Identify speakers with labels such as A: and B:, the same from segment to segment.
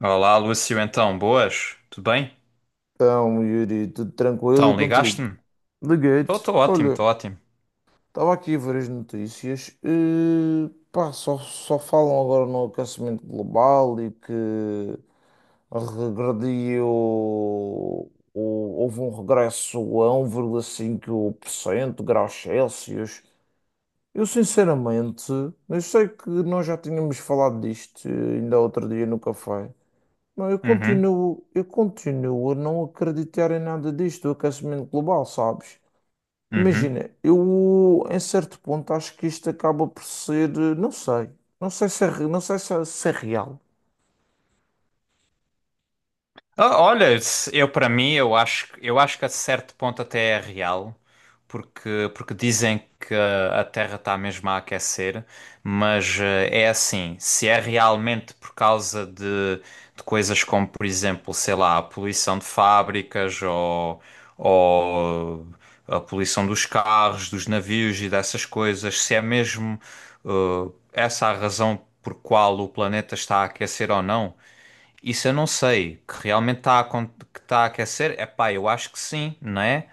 A: Olá, Lúcio, então, boas? Tudo bem?
B: Então, Yuri, tudo tranquilo
A: Então,
B: e contigo?
A: ligaste-me?
B: Liguei-te.
A: Estou ótimo,
B: Olha,
A: estou ótimo.
B: estava aqui a ver as notícias. E, pá, só falam agora no aquecimento global e que regrediu. Houve um regresso a um 1,5% graus Celsius. Eu, sinceramente, eu sei que nós já tínhamos falado disto ainda outro dia no café. Não, eu
A: Uhum,
B: continuo, eu continuo a não acreditar em nada disto, do aquecimento global, sabes?
A: uhum.
B: Imagina, eu em certo ponto acho que isto acaba por ser, não sei, não sei se é, não sei se é real.
A: Olha, eu para mim, eu acho que a certo ponto até é real, porque dizem que a Terra está mesmo a aquecer, mas é assim, se é realmente por causa de coisas como, por exemplo, sei lá, a poluição de fábricas ou a poluição dos carros, dos navios e dessas coisas, se é mesmo essa a razão por qual o planeta está a aquecer ou não, isso eu não sei, que está a aquecer, é pá, eu acho que sim, não é?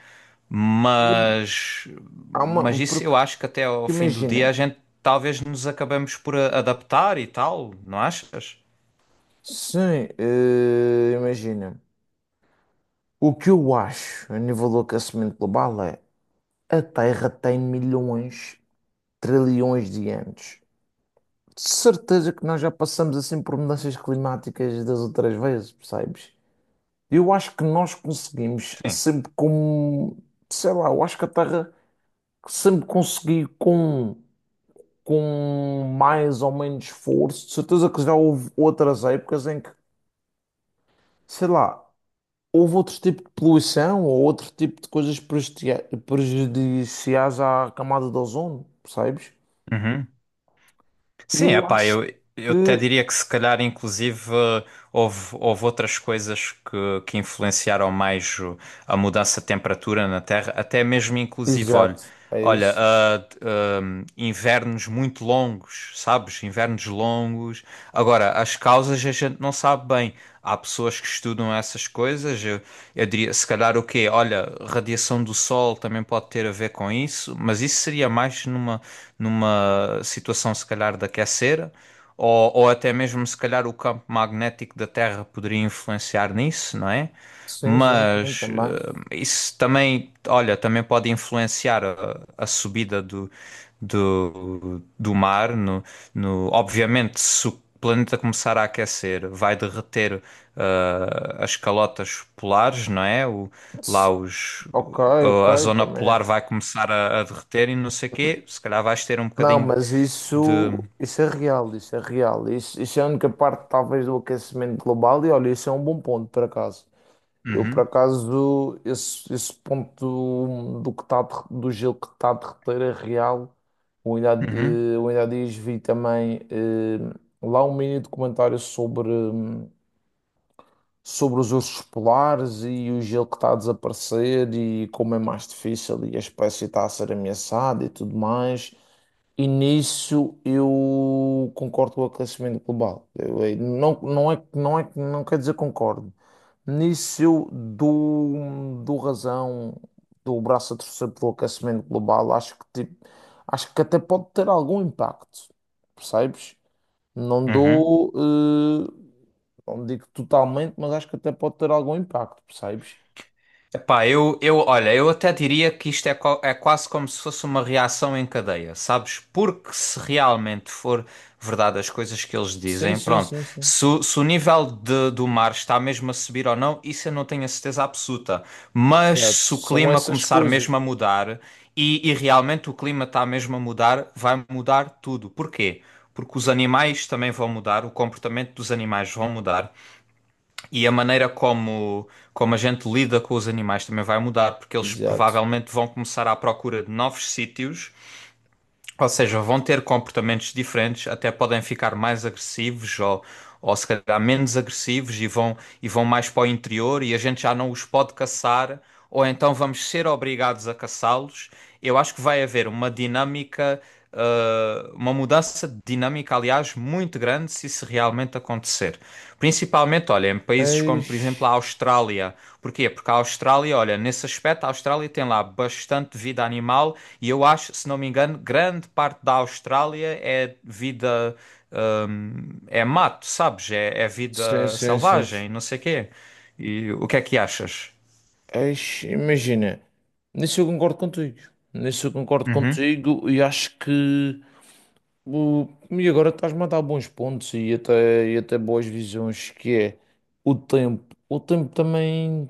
A: Mas,
B: Há uma,
A: mas isso
B: porque
A: eu acho que até ao fim do
B: imagina,
A: dia a gente talvez nos acabemos por adaptar e tal, não achas?
B: sim, imagina, o que eu acho a nível do aquecimento global é a Terra tem milhões, trilhões de anos. De certeza que nós já passamos assim por mudanças climáticas das outras vezes, percebes? Eu acho que nós conseguimos
A: Sim.
B: sempre com, sei lá, eu acho que a Terra sempre conseguiu com mais ou menos esforço. De certeza que já houve outras épocas em que, sei lá, houve outro tipo de poluição ou outro tipo de coisas prejudiciais à camada de ozono, percebes?
A: Uhum. Sim, é
B: Eu
A: pá,
B: acho
A: eu até
B: que,
A: diria que se calhar inclusive houve outras coisas que influenciaram a mudança de temperatura na Terra, até mesmo inclusive, olha,
B: exato, é
A: olha,
B: isso.
A: invernos muito longos, sabes? Invernos longos. Agora, as causas a gente não sabe bem. Há pessoas que estudam essas coisas. Eu diria, se calhar o quê? Olha, radiação do Sol também pode ter a ver com isso, mas isso seria mais numa situação se calhar de aquecer, ou até mesmo se calhar o campo magnético da Terra poderia influenciar nisso, não é?
B: Sim, sim, sim,
A: Mas
B: também.
A: isso também, olha, também pode influenciar a subida do mar. No, no, obviamente, se o planeta começar a aquecer, vai derreter as calotas polares, não é? Lá os,
B: Ok,
A: a
B: ok,
A: zona
B: também
A: polar
B: é.
A: vai começar a derreter e não sei o quê. Se calhar vais ter um
B: Não,
A: bocadinho
B: mas
A: de.
B: isso é real, isso é real. Isso é a única parte, talvez, do aquecimento global. E olha, isso é um bom ponto, por acaso. Eu, por
A: Uhum,
B: acaso, esse ponto do, que tá, do gelo que está a derreter é real. Eu ainda,
A: uhum,
B: eu ainda há dias vi também lá um mini documentário sobre. Sobre os ursos polares e o gelo que está a desaparecer e como é mais difícil e a espécie está a ser ameaçada e tudo mais. E nisso eu concordo com o aquecimento global. Eu não, não é, não é, não quer dizer concordo. Nisso eu dou, dou razão, dou o braço a torcer pelo aquecimento global. Acho que, tipo, acho que até pode ter algum impacto, percebes? Não
A: uhum.
B: dou. eh, não digo totalmente, mas acho que até pode ter algum impacto, percebes?
A: Epá, olha, eu até diria que isto é quase como se fosse uma reação em cadeia, sabes? Porque se realmente for verdade as coisas que eles
B: Sim,
A: dizem,
B: sim,
A: pronto,
B: sim, sim.
A: se o nível do mar está mesmo a subir ou não, isso eu não tenho a certeza absoluta. Mas
B: Exato.
A: se o
B: São
A: clima
B: essas
A: começar
B: coisas.
A: mesmo a mudar, e realmente o clima está mesmo a mudar, vai mudar tudo. Porquê? Porque os animais também vão mudar, o comportamento dos animais vão mudar. E a maneira como a gente lida com os animais também vai mudar, porque eles
B: Exato.
A: provavelmente vão começar à procura de novos sítios, ou seja, vão ter comportamentos diferentes, até podem ficar mais agressivos ou se calhar menos agressivos e vão mais para o interior e a gente já não os pode caçar, ou então vamos ser obrigados a caçá-los. Eu acho que vai haver uma dinâmica uma mudança de dinâmica, aliás, muito grande se isso realmente acontecer. Principalmente, olha, em países como, por
B: Eis.
A: exemplo, a Austrália. Porquê? Porque a Austrália, olha, nesse aspecto, a Austrália tem lá bastante vida animal e eu acho, se não me engano, grande parte da Austrália é vida, é mato, sabes? É
B: Sim,
A: vida
B: sim, sim,
A: selvagem,
B: sim.
A: não sei o quê. E o que é que achas?
B: Eis, imagina. Nisso eu concordo contigo. Nisso eu concordo
A: Uhum.
B: contigo e acho que. E agora estás-me a dar bons pontos e até boas visões, que é o tempo. O tempo também.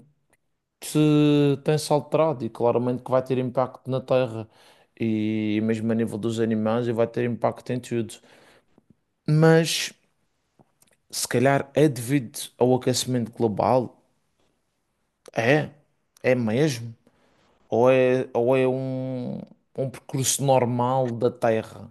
B: Se tem-se alterado e claramente que vai ter impacto na Terra e mesmo a nível dos animais e vai ter impacto em tudo. Mas se calhar é devido ao aquecimento global? É, é mesmo? Ou é um, um percurso normal da Terra?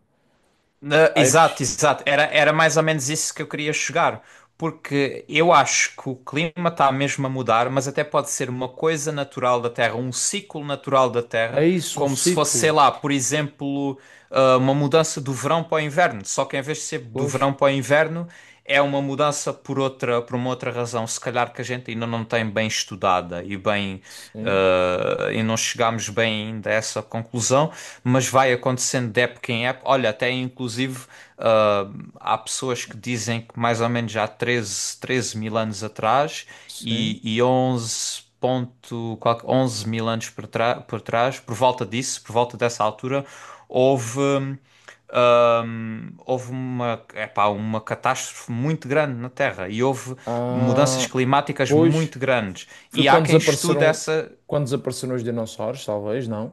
A: Exato,
B: Sabes?
A: exato. Era mais ou menos isso que eu queria chegar, porque eu acho que o clima está mesmo a mudar, mas até pode ser uma coisa natural da Terra, um ciclo natural da
B: É
A: Terra,
B: isso, um
A: como se fosse, sei
B: ciclo.
A: lá, por exemplo, uma mudança do verão para o inverno. Só que em vez de ser do
B: Pois,
A: verão para o inverno, é uma mudança por outra, por uma outra razão, se calhar que a gente ainda não tem bem estudada e bem
B: sim,
A: e não chegámos bem ainda a essa conclusão, mas vai acontecendo de época em época. Olha, até inclusive há pessoas que dizem que mais ou menos já há 13 13 mil anos atrás
B: sim.
A: e 11 11 mil anos por trás, por volta disso, por volta dessa altura, houve houve uma, epá, uma catástrofe muito grande na Terra e houve mudanças
B: Ah,
A: climáticas
B: pois,
A: muito grandes.
B: foi
A: E há quem estude essa.
B: quando desapareceram os dinossauros, talvez, não?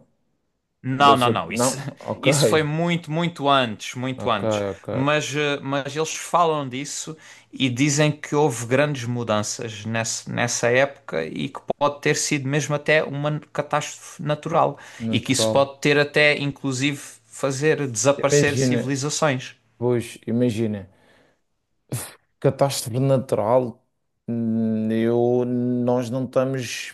A: Não,
B: Deve
A: não,
B: ser.
A: não. Isso,
B: Não,
A: isso foi
B: ok,
A: muito, muito antes, muito
B: ok,
A: antes.
B: ok.
A: Mas, mas eles falam disso e dizem que houve grandes mudanças nessa época e que pode ter sido mesmo até uma catástrofe natural. E que isso
B: Natural.
A: pode ter até, inclusive, fazer desaparecer
B: Imagina,
A: civilizações.
B: pois, imagina, catástrofe natural, eu, nós não estamos.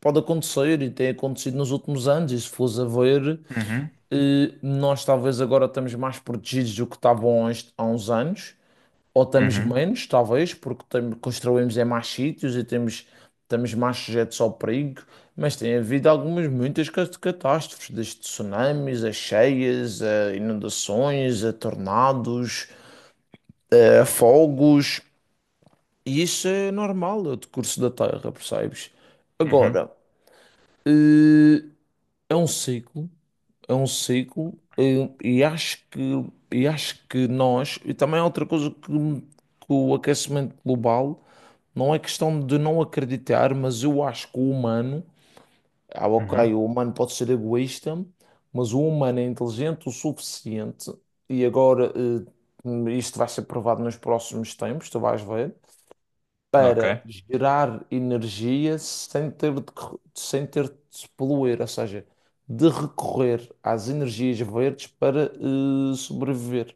B: Pode acontecer e tem acontecido nos últimos anos, e se fores a ver,
A: Uhum,
B: nós talvez agora estamos mais protegidos do que estavam há uns anos. Ou estamos
A: uhum.
B: menos, talvez, porque construímos em mais sítios e temos, estamos mais sujeitos ao perigo, mas tem havido algumas, muitas catástrofes, desde tsunamis, a cheias, a inundações, a tornados, a fogos, e isso é normal, é o decurso da Terra, percebes?
A: Uhum,
B: Agora, eh, é um ciclo é um ciclo, e acho que e acho que nós também há outra coisa que o aquecimento global não é questão de não acreditar, mas eu acho que o humano, ah,
A: uhum,
B: ok, o humano pode ser egoísta, mas o humano é inteligente o suficiente e agora isto vai ser provado nos próximos tempos, tu vais ver
A: ok.
B: para gerar energia sem ter de, sem ter de se poluir, ou seja, de recorrer às energias verdes para sobreviver.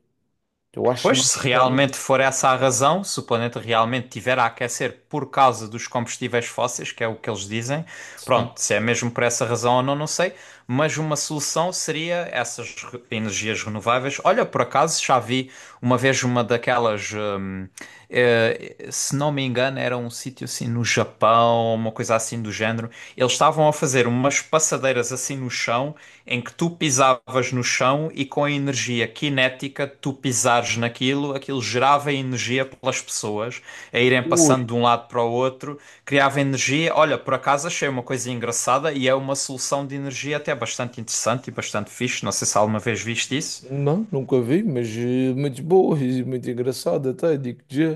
B: Eu acho que
A: Pois, se
B: nós somos.
A: realmente
B: Esse
A: for
B: povo.
A: essa a razão, se o planeta realmente tiver a aquecer por causa dos combustíveis fósseis, que é o que eles dizem,
B: Sim.
A: pronto, se é mesmo por essa razão ou não, não sei, mas uma solução seria essas energias renováveis. Olha, por acaso já vi uma vez uma daquelas. Se não me engano, era um sítio assim no Japão, uma coisa assim do género. Eles estavam a fazer umas passadeiras assim no chão, em que tu pisavas no chão e com a energia cinética, tu pisares naquilo, aquilo gerava energia pelas pessoas a irem passando
B: Ui,
A: de um lado para o outro, criava energia. Olha, por acaso achei uma coisa engraçada e é uma solução de energia até bastante interessante e bastante fixe. Não sei se alguma vez viste isso.
B: não, nunca vi, mas muito boa e muito engraçada, até digo já.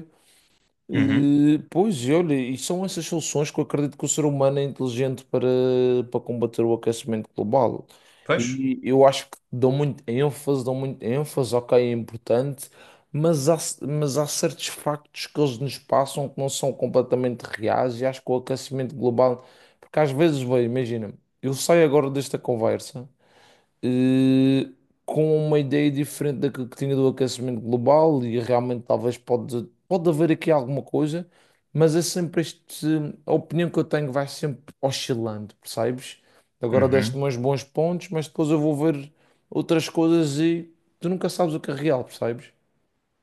A: Uhum.
B: Pois, e olha, e são essas soluções que eu acredito que o ser humano é inteligente para, para combater o aquecimento global.
A: Pois.
B: E eu acho que dão muito ênfase, ok, é importante, mas há, mas há certos factos que eles nos passam que não são completamente reais e acho que o aquecimento global, porque às vezes, bem, imagina, eu saio agora desta conversa eh, com uma ideia diferente daquilo que tinha do aquecimento global e realmente talvez pode, pode haver aqui alguma coisa, mas é sempre este, a opinião que eu tenho vai sempre oscilando, percebes? Agora
A: Uhum.
B: deste-me uns bons pontos, mas depois eu vou ver outras coisas e tu nunca sabes o que é real, percebes?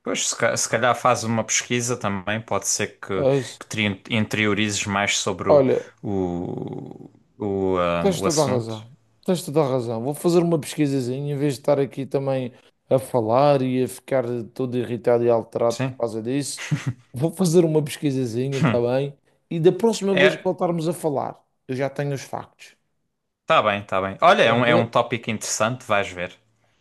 A: Pois, se calhar faz uma pesquisa também, pode ser
B: É isso.
A: que te interiorizes mais sobre
B: Olha,
A: o, o,
B: Tens
A: o
B: toda a
A: assunto.
B: razão. Tens toda a razão. Vou fazer uma pesquisazinha em vez de estar aqui também a falar e a ficar todo irritado e alterado por
A: Sim.
B: causa disso. Vou fazer uma pesquisazinha, está bem? E da próxima vez que
A: É,
B: voltarmos a falar, eu já tenho os factos.
A: tá bem, tá bem. Olha, é é um
B: Tranquilo?
A: tópico interessante, vais ver.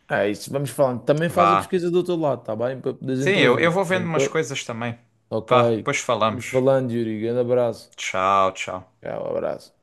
B: É isso, vamos falando. Também faz a
A: Vá.
B: pesquisa do teu lado, está bem? Para poderes
A: Sim,
B: intervir.
A: eu vou vendo umas
B: Tranquilo?
A: coisas também. Vá,
B: Ok.
A: depois
B: Vamos
A: falamos.
B: falando, Yuri. Grande abraço.
A: Tchau, tchau.
B: Tchau, abraço.